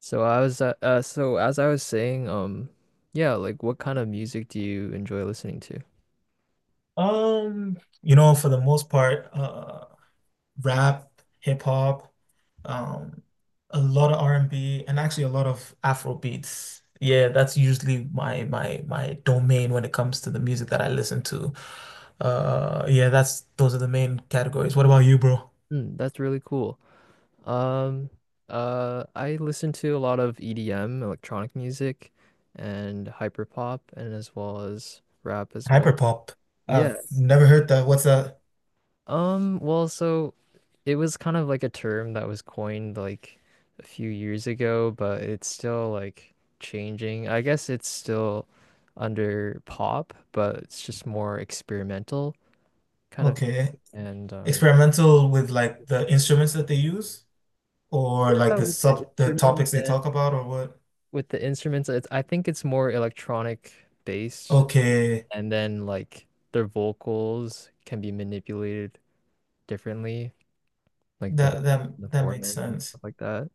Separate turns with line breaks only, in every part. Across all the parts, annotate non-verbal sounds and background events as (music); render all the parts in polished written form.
So as I was saying, yeah, like what kind of music do you enjoy listening to?
For the most part, rap, hip hop, um, a lot of R&B, and B, and actually a lot of Afro beats. Yeah, that's usually my domain when it comes to the music that I listen to. Yeah, that's those are the main categories. What about you, bro?
Hmm, that's really cool. Um I listen to a lot of EDM, electronic music and hyperpop and as well as rap as well.
Hyperpop.
Yeah.
I've never heard that. What's that?
Well, so it was kind of like a term that was coined like a few years ago, but it's still like changing. I guess it's still under pop, but it's just more experimental kind of music.
Okay.
And,
Experimental with like the instruments that they use or like
yeah,
the topics they talk about or what?
with the instruments, I think it's more electronic based,
Okay.
and then like their vocals can be manipulated differently, like the
That that
the
that makes
format and
sense.
stuff like that.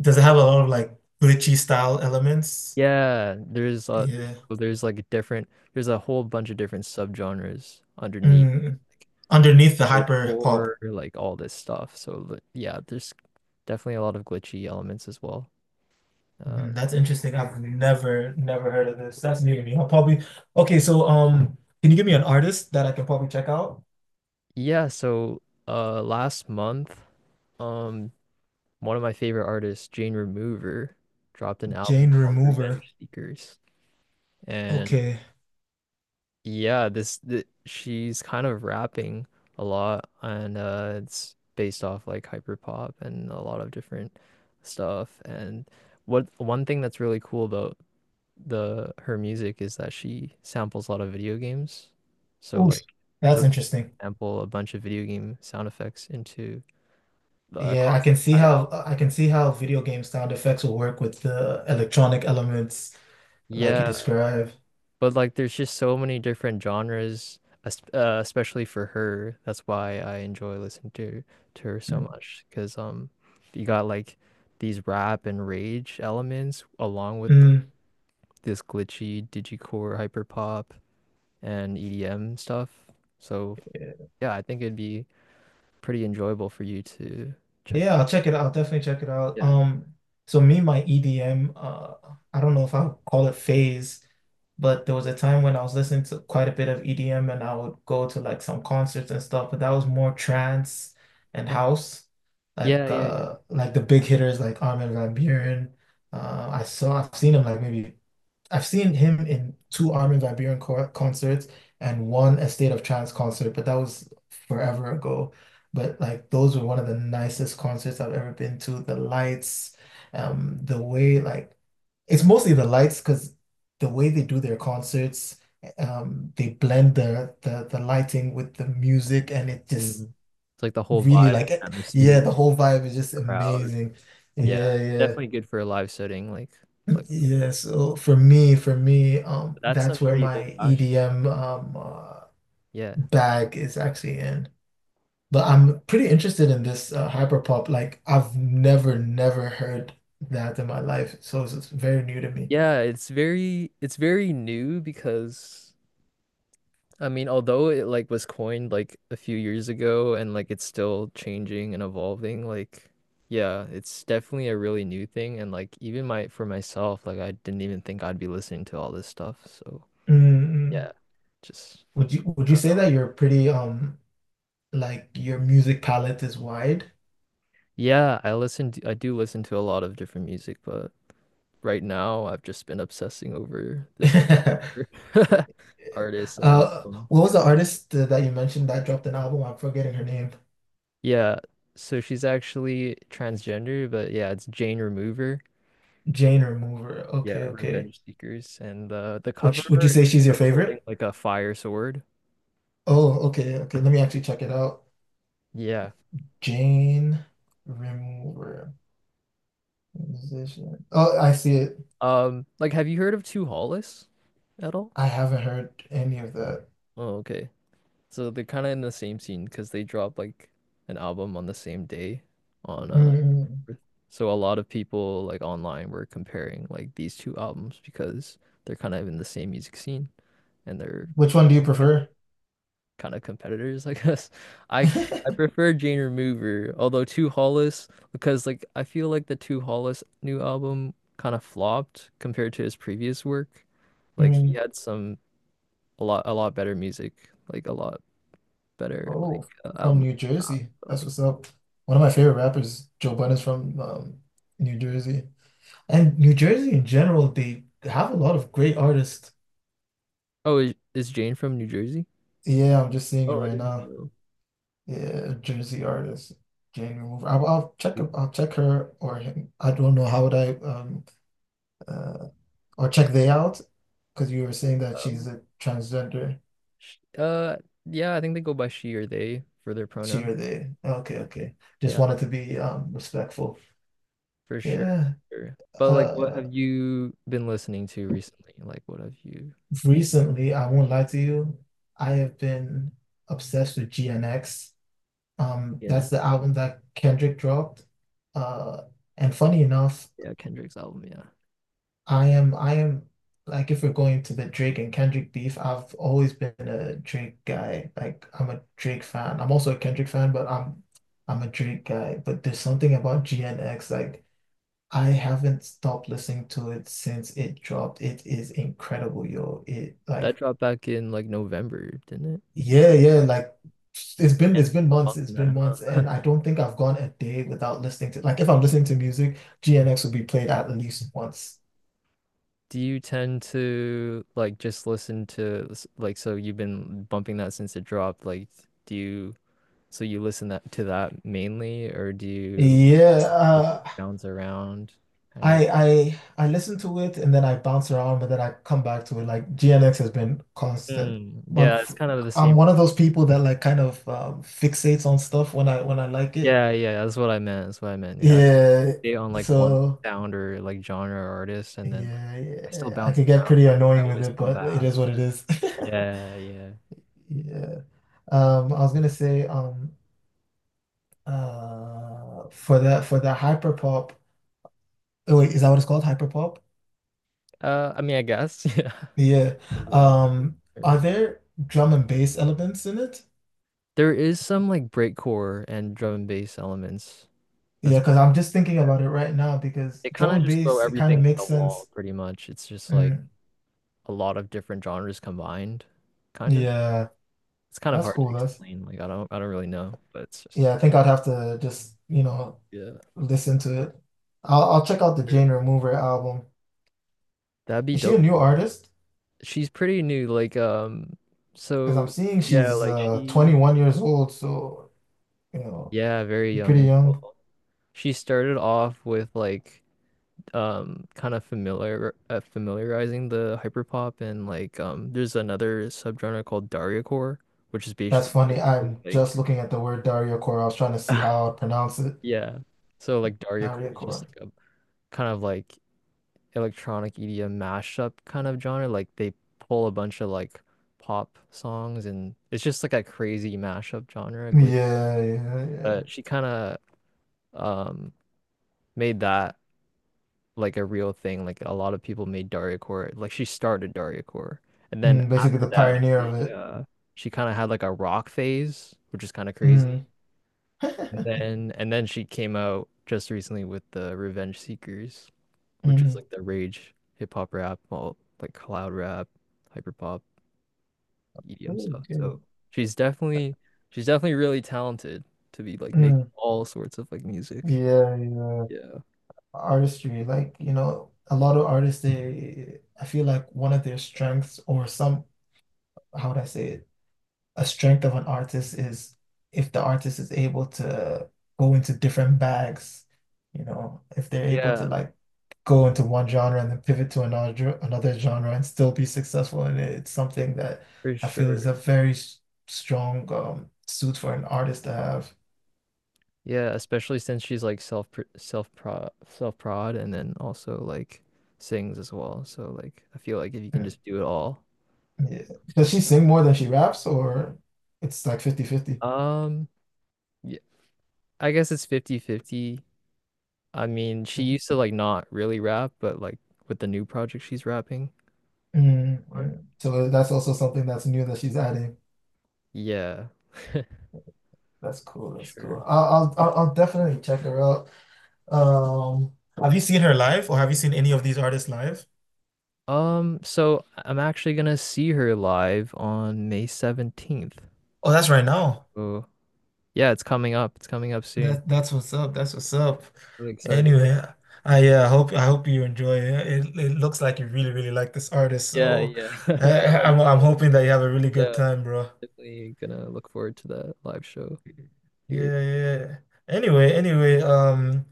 Does it have a lot of like glitchy style elements?
Yeah, there's,
Yeah.
so there's like different there's a whole bunch of different subgenres underneath
Mm, underneath the
like glitch
hyper
horror,
pop.
like all this stuff. So yeah, there's definitely a lot of glitchy elements as well. Uh
Mhm, that's interesting. I've never heard of this. That's new to me. I'll probably Okay, so can you give me an artist that I can probably check out?
yeah, so last month, um one of my favorite artists, Jane Remover, dropped an album
Jane
called
Remover.
Revenge Seekers. And
Okay.
yeah, this th she's kind of rapping a lot and it's based off like hyper pop and a lot of different stuff. And what one thing that's really cool about the her music is that she samples a lot of video games. So
Oof.
like
That's
she'll
interesting.
sample a bunch of video game sound effects into the
Yeah,
across the entire album.
I can see how video game sound effects will work with the electronic elements like you
Yeah.
described.
But like, there's just so many different genres, especially for her. That's why I enjoy listening to her so much, because you got like these rap and rage elements along with like,
Mm.
this glitchy digicore hyperpop and EDM stuff. So yeah, I think it'd be pretty enjoyable for you to check
Yeah,
that.
I'll check it out. I'll definitely check it out.
Yeah.
So me, and my EDM, I don't know if I'll call it phase, but there was a time when I was listening to quite a bit of EDM and I would go to like some concerts and stuff, but that was more trance and
Uh,
house.
Yeah, yeah, yeah.
Like the big hitters like Armin van Buuren. I've seen him like maybe I've seen him in two Armin van Buuren co concerts and one Estate of Trance concert, but that was forever ago. But like those were one of the nicest concerts I've ever been to. The lights, the way like it's mostly the lights because the way they do their concerts, they blend the lighting with the music, and it just
Mhm. It's like the whole
really
vibe and
like, yeah,
atmosphere,
the whole vibe is just
crowd.
amazing.
Yeah,
Yeah, yeah.
definitely good for a live setting, like like
Yeah, so for me,
that's some
that's where
pretty old
my
fashioned.
EDM
Yeah.
bag is actually in. But I'm pretty interested in this hyperpop. Like I've never heard that in my life, so it's very new to me.
Yeah, it's very new because I mean, although it like was coined like a few years ago and like it's still changing and evolving, like yeah, it's definitely a really new thing and like even my for myself, like I didn't even think I'd be listening to all this stuff. So,
mm
yeah, just
Would you would
I
you
don't know.
say that you're pretty like your music palette is wide?
Yeah, I do listen to a lot of different music, but right now I've just been obsessing over this
(laughs)
(laughs) artist and album.
What was the artist that you mentioned that dropped an album? I'm forgetting her name.
Yeah, so she's actually transgender, but yeah, it's Jane Remover.
Jane Remover.
Yeah,
Okay, okay.
Revenge Seekers, and the
Would
cover
you, would you
art,
say
she's
she's your
like holding
favorite?
like a fire sword.
Oh, okay, okay. Let me actually check it out.
Yeah.
Jane remover, musician. Oh, I see it.
Like, have you heard of Two Hollis at all?
I haven't heard any of that.
Oh, okay. So they're kind of in the same scene because they dropped like an album on the same day on April
Mm,
4th. So a lot of people like online were comparing like these two albums because they're kind of in the same music scene and they're
which one do you prefer?
kind of competitors, I (laughs) guess. I I
(laughs)
prefer Jane Remover, although Two Hollis, because like I feel like the Two Hollis new album kind of flopped compared to his previous work. Like he
Mm,
had some a lot better music, like a lot better
oh, from
album.
New Jersey. That's
Like
what's up. One of my favorite rappers, Joe Budden's from New Jersey. And New Jersey in general, they have a lot of great artists.
oh, is Jane from New Jersey?
Yeah, I'm just seeing it
Oh, I
right
didn't
now.
know.
Yeah, Jersey artist, Jane Remover. I'll check.
Cool.
I'll check her or him. I don't know how would I uh or check they out because you were saying that
Uh,
she's a transgender.
sh- uh, yeah, I think they go by she or they for their
She
pronoun.
or they. Okay, okay. Just
Yeah.
wanted to be respectful.
For sure.
Yeah.
Sure. But like what
Uh,
have you been listening to recently? Like what have you,
Recently, I won't lie to you. I have been obsessed with GNX. Um,
you know?
that's the album that Kendrick dropped. Uh, and funny enough,
Yeah, Kendrick's album, yeah.
I am like if we're going to the Drake and Kendrick beef, I've always been a Drake guy. Like I'm a Drake fan. I'm also a Kendrick fan, but I'm a Drake guy. But there's something about GNX, like I haven't stopped listening to it since it dropped. It is incredible, yo. It
That
like
dropped back in like November, didn't it?
Yeah,
November.
yeah, like it's been
Yeah,
it's been
still
months, it's
bumping
been
that,
months,
huh?
and I don't think I've gone a day without listening to like if I'm listening to music, GNX will be played at least once.
(laughs) Do you tend to like just listen to like so you've been bumping that since it dropped, like do you so you listen that to that mainly or do you
Yeah,
just like, bounce around kind of.
I I listen to it and then I bounce around, but then I come back to it. Like GNX has been constant,
Mm,
but
yeah,
f
it's kind of the
I'm
same.
one of those people that like kind of fixates on stuff when I like it.
Yeah, yeah, that's what I meant. That's what I meant. Yeah, I kinda
Yeah,
stay on like one
so
sound or like genre or artist, and then like
yeah,
I still
yeah, I
bounce
could get
around.
pretty
I
annoying with
always
it,
come
but it
back.
is what it is. (laughs)
Yeah, yeah.
Yeah. I was gonna say for the hyperpop. Oh wait, is that what it's called? Hyperpop?
I mean, I guess (laughs) yeah,
Yeah.
is one of the
Are
terms.
there drum and bass elements in it?
There is some like breakcore and drum and bass elements
Yeah,
as
because
well.
I'm just thinking
Yeah.
about it right now because
They kind
drum
of
and
just throw
bass, it kind
everything
of
at
makes
the wall,
sense.
pretty much. It's just like
Mm,
a lot of different genres combined, kind of.
yeah,
It's kind of
that's
hard to
cool. That's
explain. Like I don't really know, but it's just
Yeah, I think I'd have to just, you know,
yeah.
listen to it. I'll check out the
Sure.
Jane Remover album.
That'd be
Is she a
dope.
new artist?
She's pretty new. Like,
Because I'm
so
seeing
yeah,
she's 21 years old, so you know,
yeah, very
she's
young
pretty
as
young.
well. She started off with like, kind of familiarizing the hyperpop and like, there's another subgenre called Dargacore, which is
That's funny.
basically
I'm
like,
just looking at the word Daria Core. I was trying to see
(laughs)
how I would pronounce it.
yeah. So like
Daria
Dargacore is just like a kind of like electronic EDM mashup kind of genre. Like they pull a bunch of like pop songs and it's just like a crazy mashup genre, glitchy
Yeah, yeah, yeah.
but she kind of um made that like a real thing. Like a lot of people made Dariocore. Like she started Dariocore, and then
Mm, basically
after
the
that,
pioneer of it.
she kind of had like a rock phase, which is kind of crazy.
Mm.
And
(laughs)
then and then she came out just recently with the Revenge Seekers, which is
Mm.
like the rage hip hop rap, well like cloud rap, hyper pop, EDM
Good,
stuff.
good.
So she's definitely she's definitely really talented to be like making
Mm.
all sorts of like music.
Yeah, yeah.
Yeah.
Artistry, like, you know, a lot of artists, I feel like one of their strengths or some, how would I say it? A strength of an artist is if the artist is able to go into different bags, you know, if they're able to
Yeah.
like go into one genre and then pivot to another genre and still be successful in it. It's something that
For
I feel is
sure.
a very strong suit for an artist to have.
Yeah, especially since she's like self prod and then also like sings as well. So like I feel like if you can
Mm,
just do it all.
yeah. Does
super-
she sing more than she raps, or it's like 50/50?
Um yeah, I guess it's 50 50. I mean, she
Mm,
used to like not really rap, but like with the new project she's rapping
mm,
for.
mm. So that's also something that's new that she's adding.
Yeah,
That's cool. That's cool.
sure.
I'll definitely check her out. Um, have you seen her live or have you seen any of these artists live?
So I'm actually gonna see her live on May 17th.
Oh, that's right now.
Oh, yeah, it's coming up. It's coming up soon.
That's what's up. That's what's up.
Really excited.
Anyway, I hope you enjoy it. It looks like you really really like this artist.
Yeah,
So
yeah. (laughs) I'm kind
I,
of
I'm I'm hoping that you have a really good
Yeah,
time, bro.
definitely gonna look forward to that live show here.
Yeah, yeah. Anyway, um,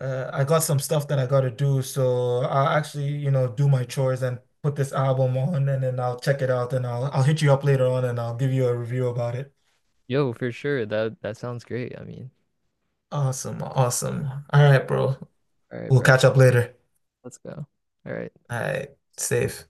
uh, I got some stuff that I gotta do, so I'll actually, you know, do my chores and put this album on, and then I'll check it out, and I'll hit you up later on, and I'll give you a review about it.
Yo, for sure. That sounds great. I mean,
Awesome. Awesome. All right, bro.
all right,
We'll
bro.
catch up later.
Let's go. All right.
All right. Safe.